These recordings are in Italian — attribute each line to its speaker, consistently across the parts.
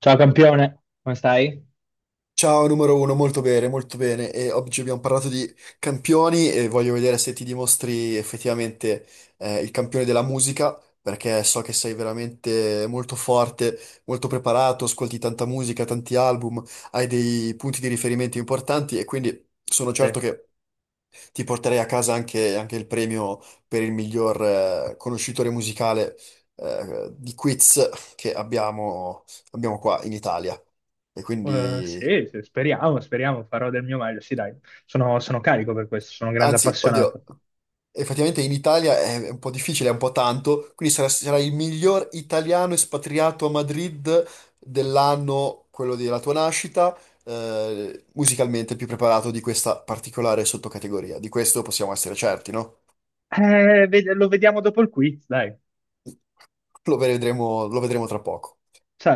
Speaker 1: Ciao campione, come stai?
Speaker 2: Ciao numero uno, molto bene, molto bene. E oggi abbiamo parlato di campioni e voglio vedere se ti dimostri effettivamente il campione della musica, perché so che sei veramente molto forte, molto preparato, ascolti tanta musica, tanti album, hai dei punti di riferimento importanti e quindi sono
Speaker 1: Sì.
Speaker 2: certo che ti porterei a casa anche il premio per il miglior conoscitore musicale di quiz che abbiamo qua in Italia. E
Speaker 1: Eh,
Speaker 2: quindi
Speaker 1: sì, sì, speriamo, speriamo, farò del mio meglio. Sì, dai, sono carico per questo, sono un grande
Speaker 2: Anzi,
Speaker 1: appassionato.
Speaker 2: oddio, effettivamente in Italia è un po' difficile, è un po' tanto, quindi sarai il miglior italiano espatriato a Madrid dell'anno, quello della tua nascita, musicalmente il più preparato di questa particolare sottocategoria. Di questo possiamo essere certi, no?
Speaker 1: Lo vediamo dopo il quiz, dai,
Speaker 2: Lo vedremo tra poco.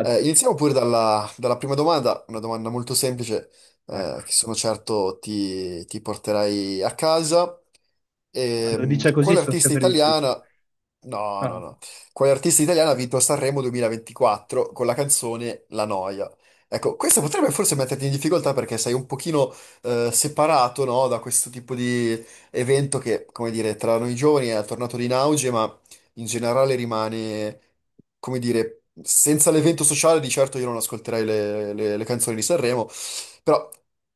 Speaker 2: Iniziamo pure dalla prima domanda, una domanda molto semplice,
Speaker 1: Ecco,
Speaker 2: che sono certo ti porterai a casa.
Speaker 1: quando dice così
Speaker 2: Quale
Speaker 1: sono
Speaker 2: artista
Speaker 1: sempre difficili.
Speaker 2: italiana? No, no,
Speaker 1: Ah.
Speaker 2: no. Quale artista italiana ha vinto Sanremo 2024 con la canzone La Noia? Ecco, questo potrebbe forse metterti in difficoltà perché sei un pochino separato, no, da questo tipo di evento che, come dire, tra noi giovani è tornato in auge, in generale rimane, come dire, senza l'evento sociale di certo io non ascolterei le canzoni di Sanremo, però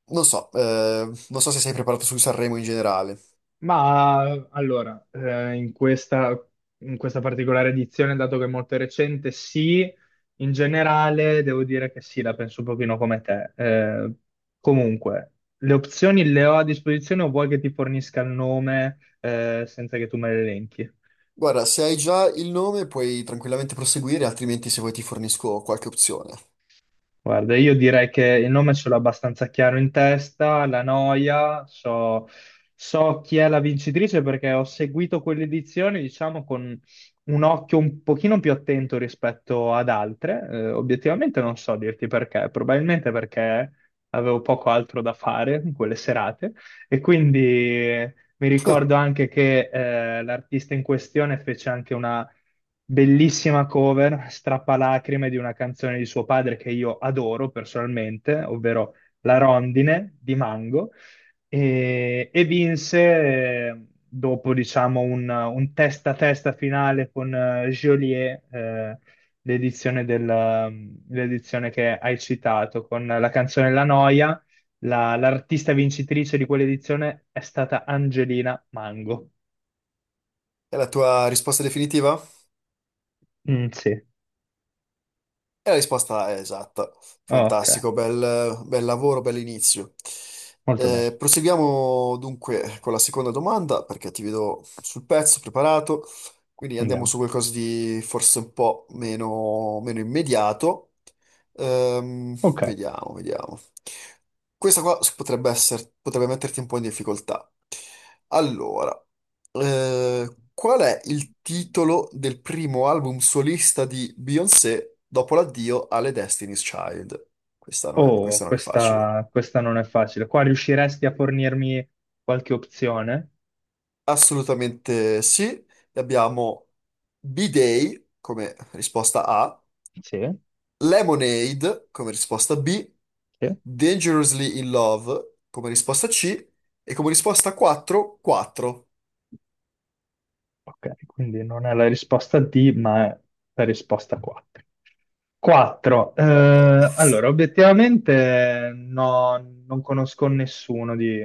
Speaker 2: non so se sei preparato su Sanremo in generale.
Speaker 1: Ma allora, in questa particolare edizione, dato che è molto recente, sì, in generale devo dire che sì, la penso un pochino come te. Comunque, le opzioni le ho a disposizione o vuoi che ti fornisca il nome, senza che tu me le elenchi?
Speaker 2: Guarda, se hai già il nome puoi tranquillamente proseguire, altrimenti se vuoi ti fornisco qualche opzione.
Speaker 1: Guarda, io direi che il nome ce l'ho abbastanza chiaro in testa, la noia, so chi è la vincitrice perché ho seguito quell'edizione, diciamo, con un occhio un pochino più attento rispetto ad altre. Obiettivamente non so dirti perché, probabilmente perché avevo poco altro da fare in quelle serate e quindi mi ricordo anche che l'artista in questione fece anche bellissima cover, strappalacrime di una canzone di suo padre che io adoro personalmente, ovvero La Rondine di Mango, e vinse dopo, diciamo, un testa a testa finale con Joliet, l'edizione del- l'edizione che hai citato, con la canzone La Noia. L'artista vincitrice di quell'edizione è stata Angelina Mango.
Speaker 2: È la tua risposta definitiva?
Speaker 1: Mm, sì,
Speaker 2: E la risposta è esatta.
Speaker 1: ok,
Speaker 2: Fantastico, bel lavoro, bell'inizio.
Speaker 1: molto bene,
Speaker 2: Proseguiamo dunque con la seconda domanda, perché ti vedo sul pezzo, preparato. Quindi andiamo
Speaker 1: andiamo.
Speaker 2: su qualcosa di forse un po' meno immediato.
Speaker 1: Ok,
Speaker 2: Vediamo, vediamo. Questa qua potrebbe metterti un po' in difficoltà. Allora. Qual è il titolo del primo album solista di Beyoncé dopo l'addio alle Destiny's Child?
Speaker 1: oh,
Speaker 2: Questa non è facile.
Speaker 1: questa non è facile. Qua riusciresti a fornirmi qualche opzione?
Speaker 2: Assolutamente sì. Abbiamo B-Day come risposta A,
Speaker 1: Sì,
Speaker 2: Lemonade come risposta B,
Speaker 1: sì.
Speaker 2: Dangerously in Love come risposta C e come risposta 4, 4.
Speaker 1: Ok, quindi non è la risposta D, ma è la risposta 4. 4.
Speaker 2: Eh,
Speaker 1: Allora, obiettivamente no, non conosco nessuno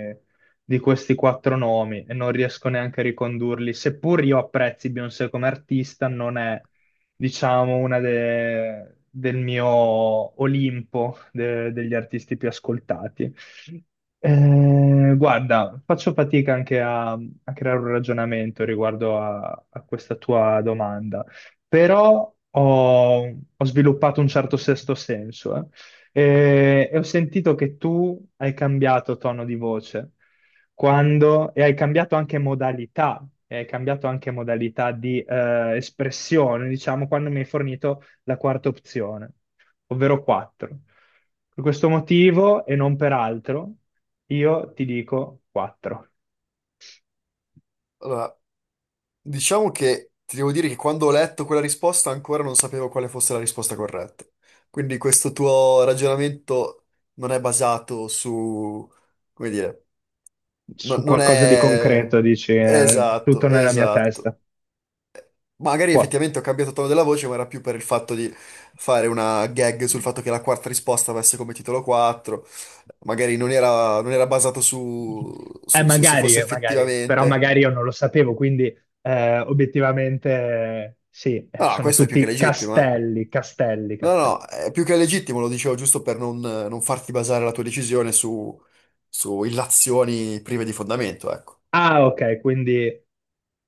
Speaker 1: di questi quattro nomi e non riesco neanche a ricondurli. Seppur io apprezzi Beyoncé come artista, non è, diciamo, del mio degli artisti più ascoltati. Guarda, faccio fatica anche a creare un ragionamento riguardo a questa tua domanda, però ho sviluppato un certo sesto senso, eh. E ho sentito che tu hai cambiato tono di voce e hai cambiato anche modalità, e hai cambiato anche modalità di espressione, diciamo, quando mi hai fornito la quarta opzione, ovvero 4. Per questo motivo e non per altro, io ti dico 4.
Speaker 2: allora, diciamo che ti devo dire che quando ho letto quella risposta ancora non sapevo quale fosse la risposta corretta. Quindi questo tuo ragionamento non è basato su, come dire,
Speaker 1: Su
Speaker 2: non
Speaker 1: qualcosa di
Speaker 2: è...
Speaker 1: concreto, dici,
Speaker 2: Esatto,
Speaker 1: tutto nella mia
Speaker 2: esatto.
Speaker 1: testa.
Speaker 2: Magari
Speaker 1: Puoi.
Speaker 2: effettivamente ho cambiato tono della voce, ma era più per il fatto di fare una gag sul fatto che la quarta risposta avesse come titolo 4. Magari non era basato su se fosse
Speaker 1: Magari, magari, però
Speaker 2: effettivamente...
Speaker 1: magari io non lo sapevo, quindi obiettivamente sì,
Speaker 2: Ah,
Speaker 1: sono
Speaker 2: questo è più che
Speaker 1: tutti
Speaker 2: legittimo, eh.
Speaker 1: castelli, castelli,
Speaker 2: No, no,
Speaker 1: castelli.
Speaker 2: è più che legittimo, lo dicevo giusto per non farti basare la tua decisione su illazioni prive di fondamento, ecco.
Speaker 1: Ah, ok, quindi,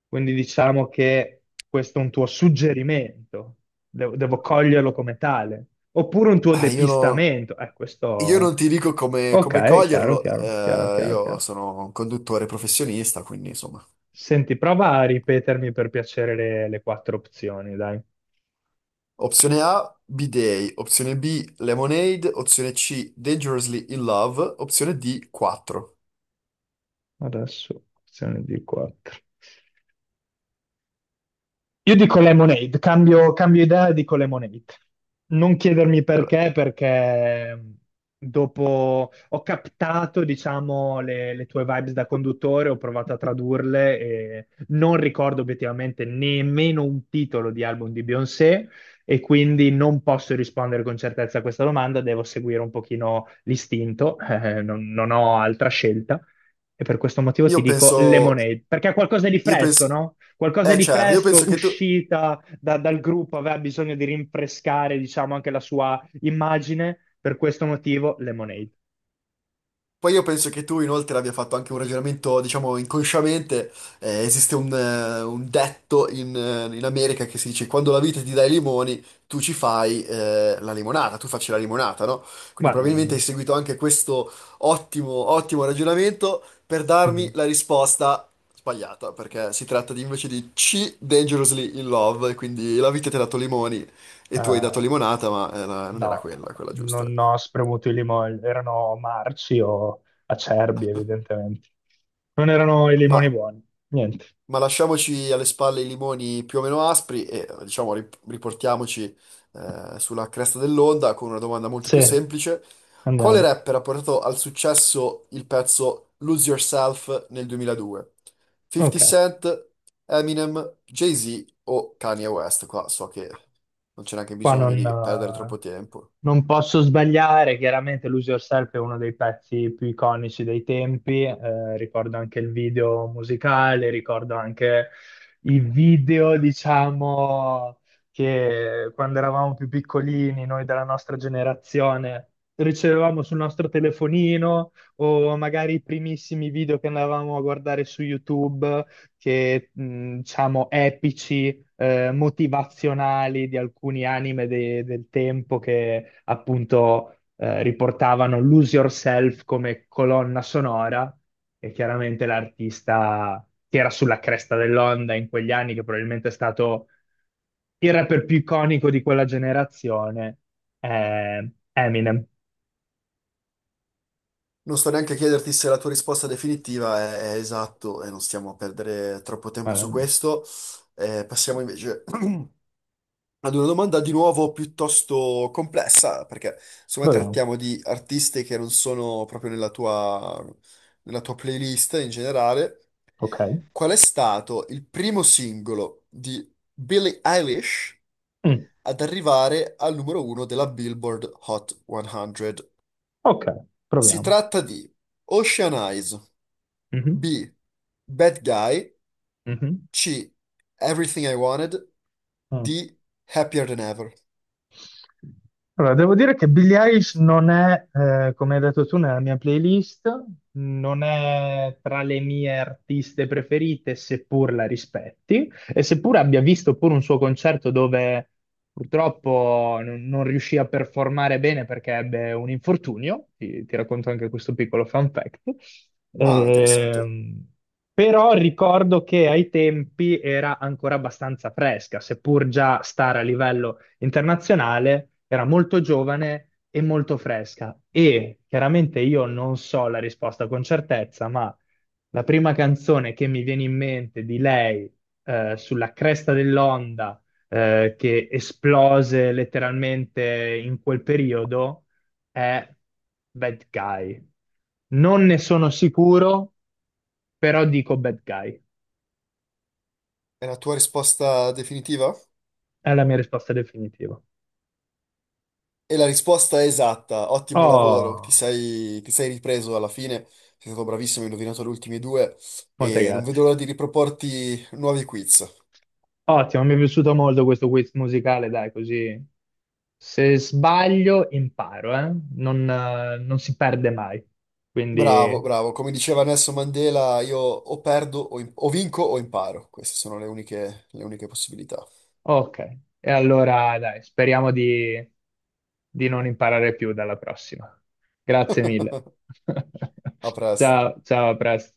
Speaker 1: quindi diciamo che questo è un tuo suggerimento, devo coglierlo come tale, oppure un tuo
Speaker 2: Ah,
Speaker 1: depistamento.
Speaker 2: io
Speaker 1: Questo...
Speaker 2: non ti dico come
Speaker 1: Ok, chiaro,
Speaker 2: coglierlo,
Speaker 1: chiaro, chiaro, chiaro,
Speaker 2: io
Speaker 1: chiaro.
Speaker 2: sono un conduttore professionista, quindi insomma.
Speaker 1: Senti, prova a ripetermi per piacere le quattro opzioni, dai.
Speaker 2: Opzione A, B-Day, opzione B, Lemonade, opzione C, Dangerously in Love, opzione D, 4.
Speaker 1: Adesso, opzione di quattro. Io dico Lemonade, cambio idea e dico Lemonade. Non chiedermi
Speaker 2: Allora,
Speaker 1: perché, perché dopo ho captato, diciamo, le tue vibes da conduttore, ho provato a tradurle e non ricordo obiettivamente nemmeno un titolo di album di Beyoncé e quindi non posso rispondere con certezza a questa domanda, devo seguire un pochino l'istinto, non ho altra scelta e per questo motivo ti
Speaker 2: Io
Speaker 1: dico
Speaker 2: penso,
Speaker 1: Lemonade, perché è qualcosa di
Speaker 2: io
Speaker 1: fresco,
Speaker 2: penso,
Speaker 1: no? Qualcosa
Speaker 2: eh
Speaker 1: di
Speaker 2: certo, io penso
Speaker 1: fresco,
Speaker 2: che tu,
Speaker 1: dal gruppo, aveva bisogno di rinfrescare, diciamo, anche la sua immagine. Per questo motivo, Lemonade.
Speaker 2: poi io penso che tu inoltre abbia fatto anche un ragionamento, diciamo, inconsciamente. Esiste un detto in America che si dice quando la vita ti dà i limoni, tu ci fai la limonata, tu facci la limonata, no? Quindi
Speaker 1: Guarda,
Speaker 2: probabilmente hai seguito anche questo ottimo ragionamento per darmi
Speaker 1: mm,
Speaker 2: la risposta sbagliata, perché si tratta di, invece di C, Dangerously in Love, e quindi la vita ti ha dato limoni e tu hai dato
Speaker 1: eh,
Speaker 2: limonata, ma non era
Speaker 1: no,
Speaker 2: quella giusta.
Speaker 1: non ho spremuto i limoni, erano marci o acerbi, evidentemente. Non erano i limoni
Speaker 2: Ma
Speaker 1: buoni. Niente.
Speaker 2: Ma lasciamoci alle spalle i limoni più o meno aspri e diciamo riportiamoci sulla cresta dell'onda con una domanda molto più
Speaker 1: Sì,
Speaker 2: semplice. Quale
Speaker 1: andiamo.
Speaker 2: rapper ha portato al successo il pezzo Lose Yourself nel 2002? 50
Speaker 1: Ok.
Speaker 2: Cent, Eminem, Jay-Z o Kanye West? Qua so che non c'è neanche
Speaker 1: Qua
Speaker 2: bisogno
Speaker 1: non,
Speaker 2: di perdere
Speaker 1: eh,
Speaker 2: troppo tempo.
Speaker 1: non posso sbagliare, chiaramente Lose Yourself è uno dei pezzi più iconici dei tempi, ricordo anche il video musicale, ricordo anche i video, diciamo, che quando eravamo più piccolini, noi della nostra generazione, ricevevamo sul nostro telefonino o magari i primissimi video che andavamo a guardare su YouTube, che, diciamo, epici motivazionali di alcuni anime del tempo che appunto riportavano Lose Yourself come colonna sonora e chiaramente l'artista che era sulla cresta dell'onda in quegli anni, che probabilmente è stato il rapper più iconico di quella generazione, è Eminem.
Speaker 2: Non sto neanche a chiederti se la tua risposta definitiva è esatto e non stiamo a perdere troppo tempo su
Speaker 1: Ehm,
Speaker 2: questo. Passiamo invece ad una domanda di nuovo piuttosto complessa, perché secondo me
Speaker 1: Proviamo.
Speaker 2: trattiamo di artisti che non sono proprio nella tua, playlist in generale.
Speaker 1: Ok.
Speaker 2: Qual è stato il primo singolo di Billie Eilish
Speaker 1: Mm.
Speaker 2: ad arrivare al numero uno della Billboard Hot 100?
Speaker 1: Ok,
Speaker 2: Si
Speaker 1: proviamo.
Speaker 2: tratta di Ocean Eyes,
Speaker 1: Mhm.
Speaker 2: B. Bad Guy,
Speaker 1: Mhm.
Speaker 2: C. Everything I Wanted,
Speaker 1: Mm.
Speaker 2: D. Happier Than Ever.
Speaker 1: Allora, devo dire che Billie Eilish non è, come hai detto tu, nella mia playlist, non è tra le mie artiste preferite, seppur la rispetti, e seppur abbia visto pure un suo concerto dove purtroppo non riuscì a performare bene perché ebbe un infortunio, ti racconto anche questo piccolo fun fact.
Speaker 2: Ah, interessante.
Speaker 1: Ehm, però ricordo che ai tempi era ancora abbastanza fresca, seppur già stare a livello internazionale, era molto giovane e molto fresca. E chiaramente io non so la risposta con certezza, ma la prima canzone che mi viene in mente di lei, sulla cresta dell'onda, che esplose letteralmente in quel periodo, è Bad Guy. Non ne sono sicuro, però dico Bad Guy.
Speaker 2: È la tua risposta definitiva?
Speaker 1: È la mia risposta definitiva.
Speaker 2: E la risposta è esatta, ottimo lavoro,
Speaker 1: Oh,
Speaker 2: ti sei ripreso alla fine, sei stato bravissimo, hai indovinato le ultime due
Speaker 1: molte
Speaker 2: e non vedo
Speaker 1: grazie.
Speaker 2: l'ora di riproporti nuovi quiz.
Speaker 1: Ottimo, mi è piaciuto molto questo quiz musicale, dai, così se sbaglio imparo, eh? Non si perde mai.
Speaker 2: Bravo,
Speaker 1: Quindi,
Speaker 2: bravo, come diceva Nelson Mandela, io o perdo, o vinco o imparo, queste sono le uniche possibilità.
Speaker 1: ok. E allora, dai, speriamo di non imparare più dalla prossima. Grazie mille.
Speaker 2: A presto.
Speaker 1: Ciao, ciao, a presto.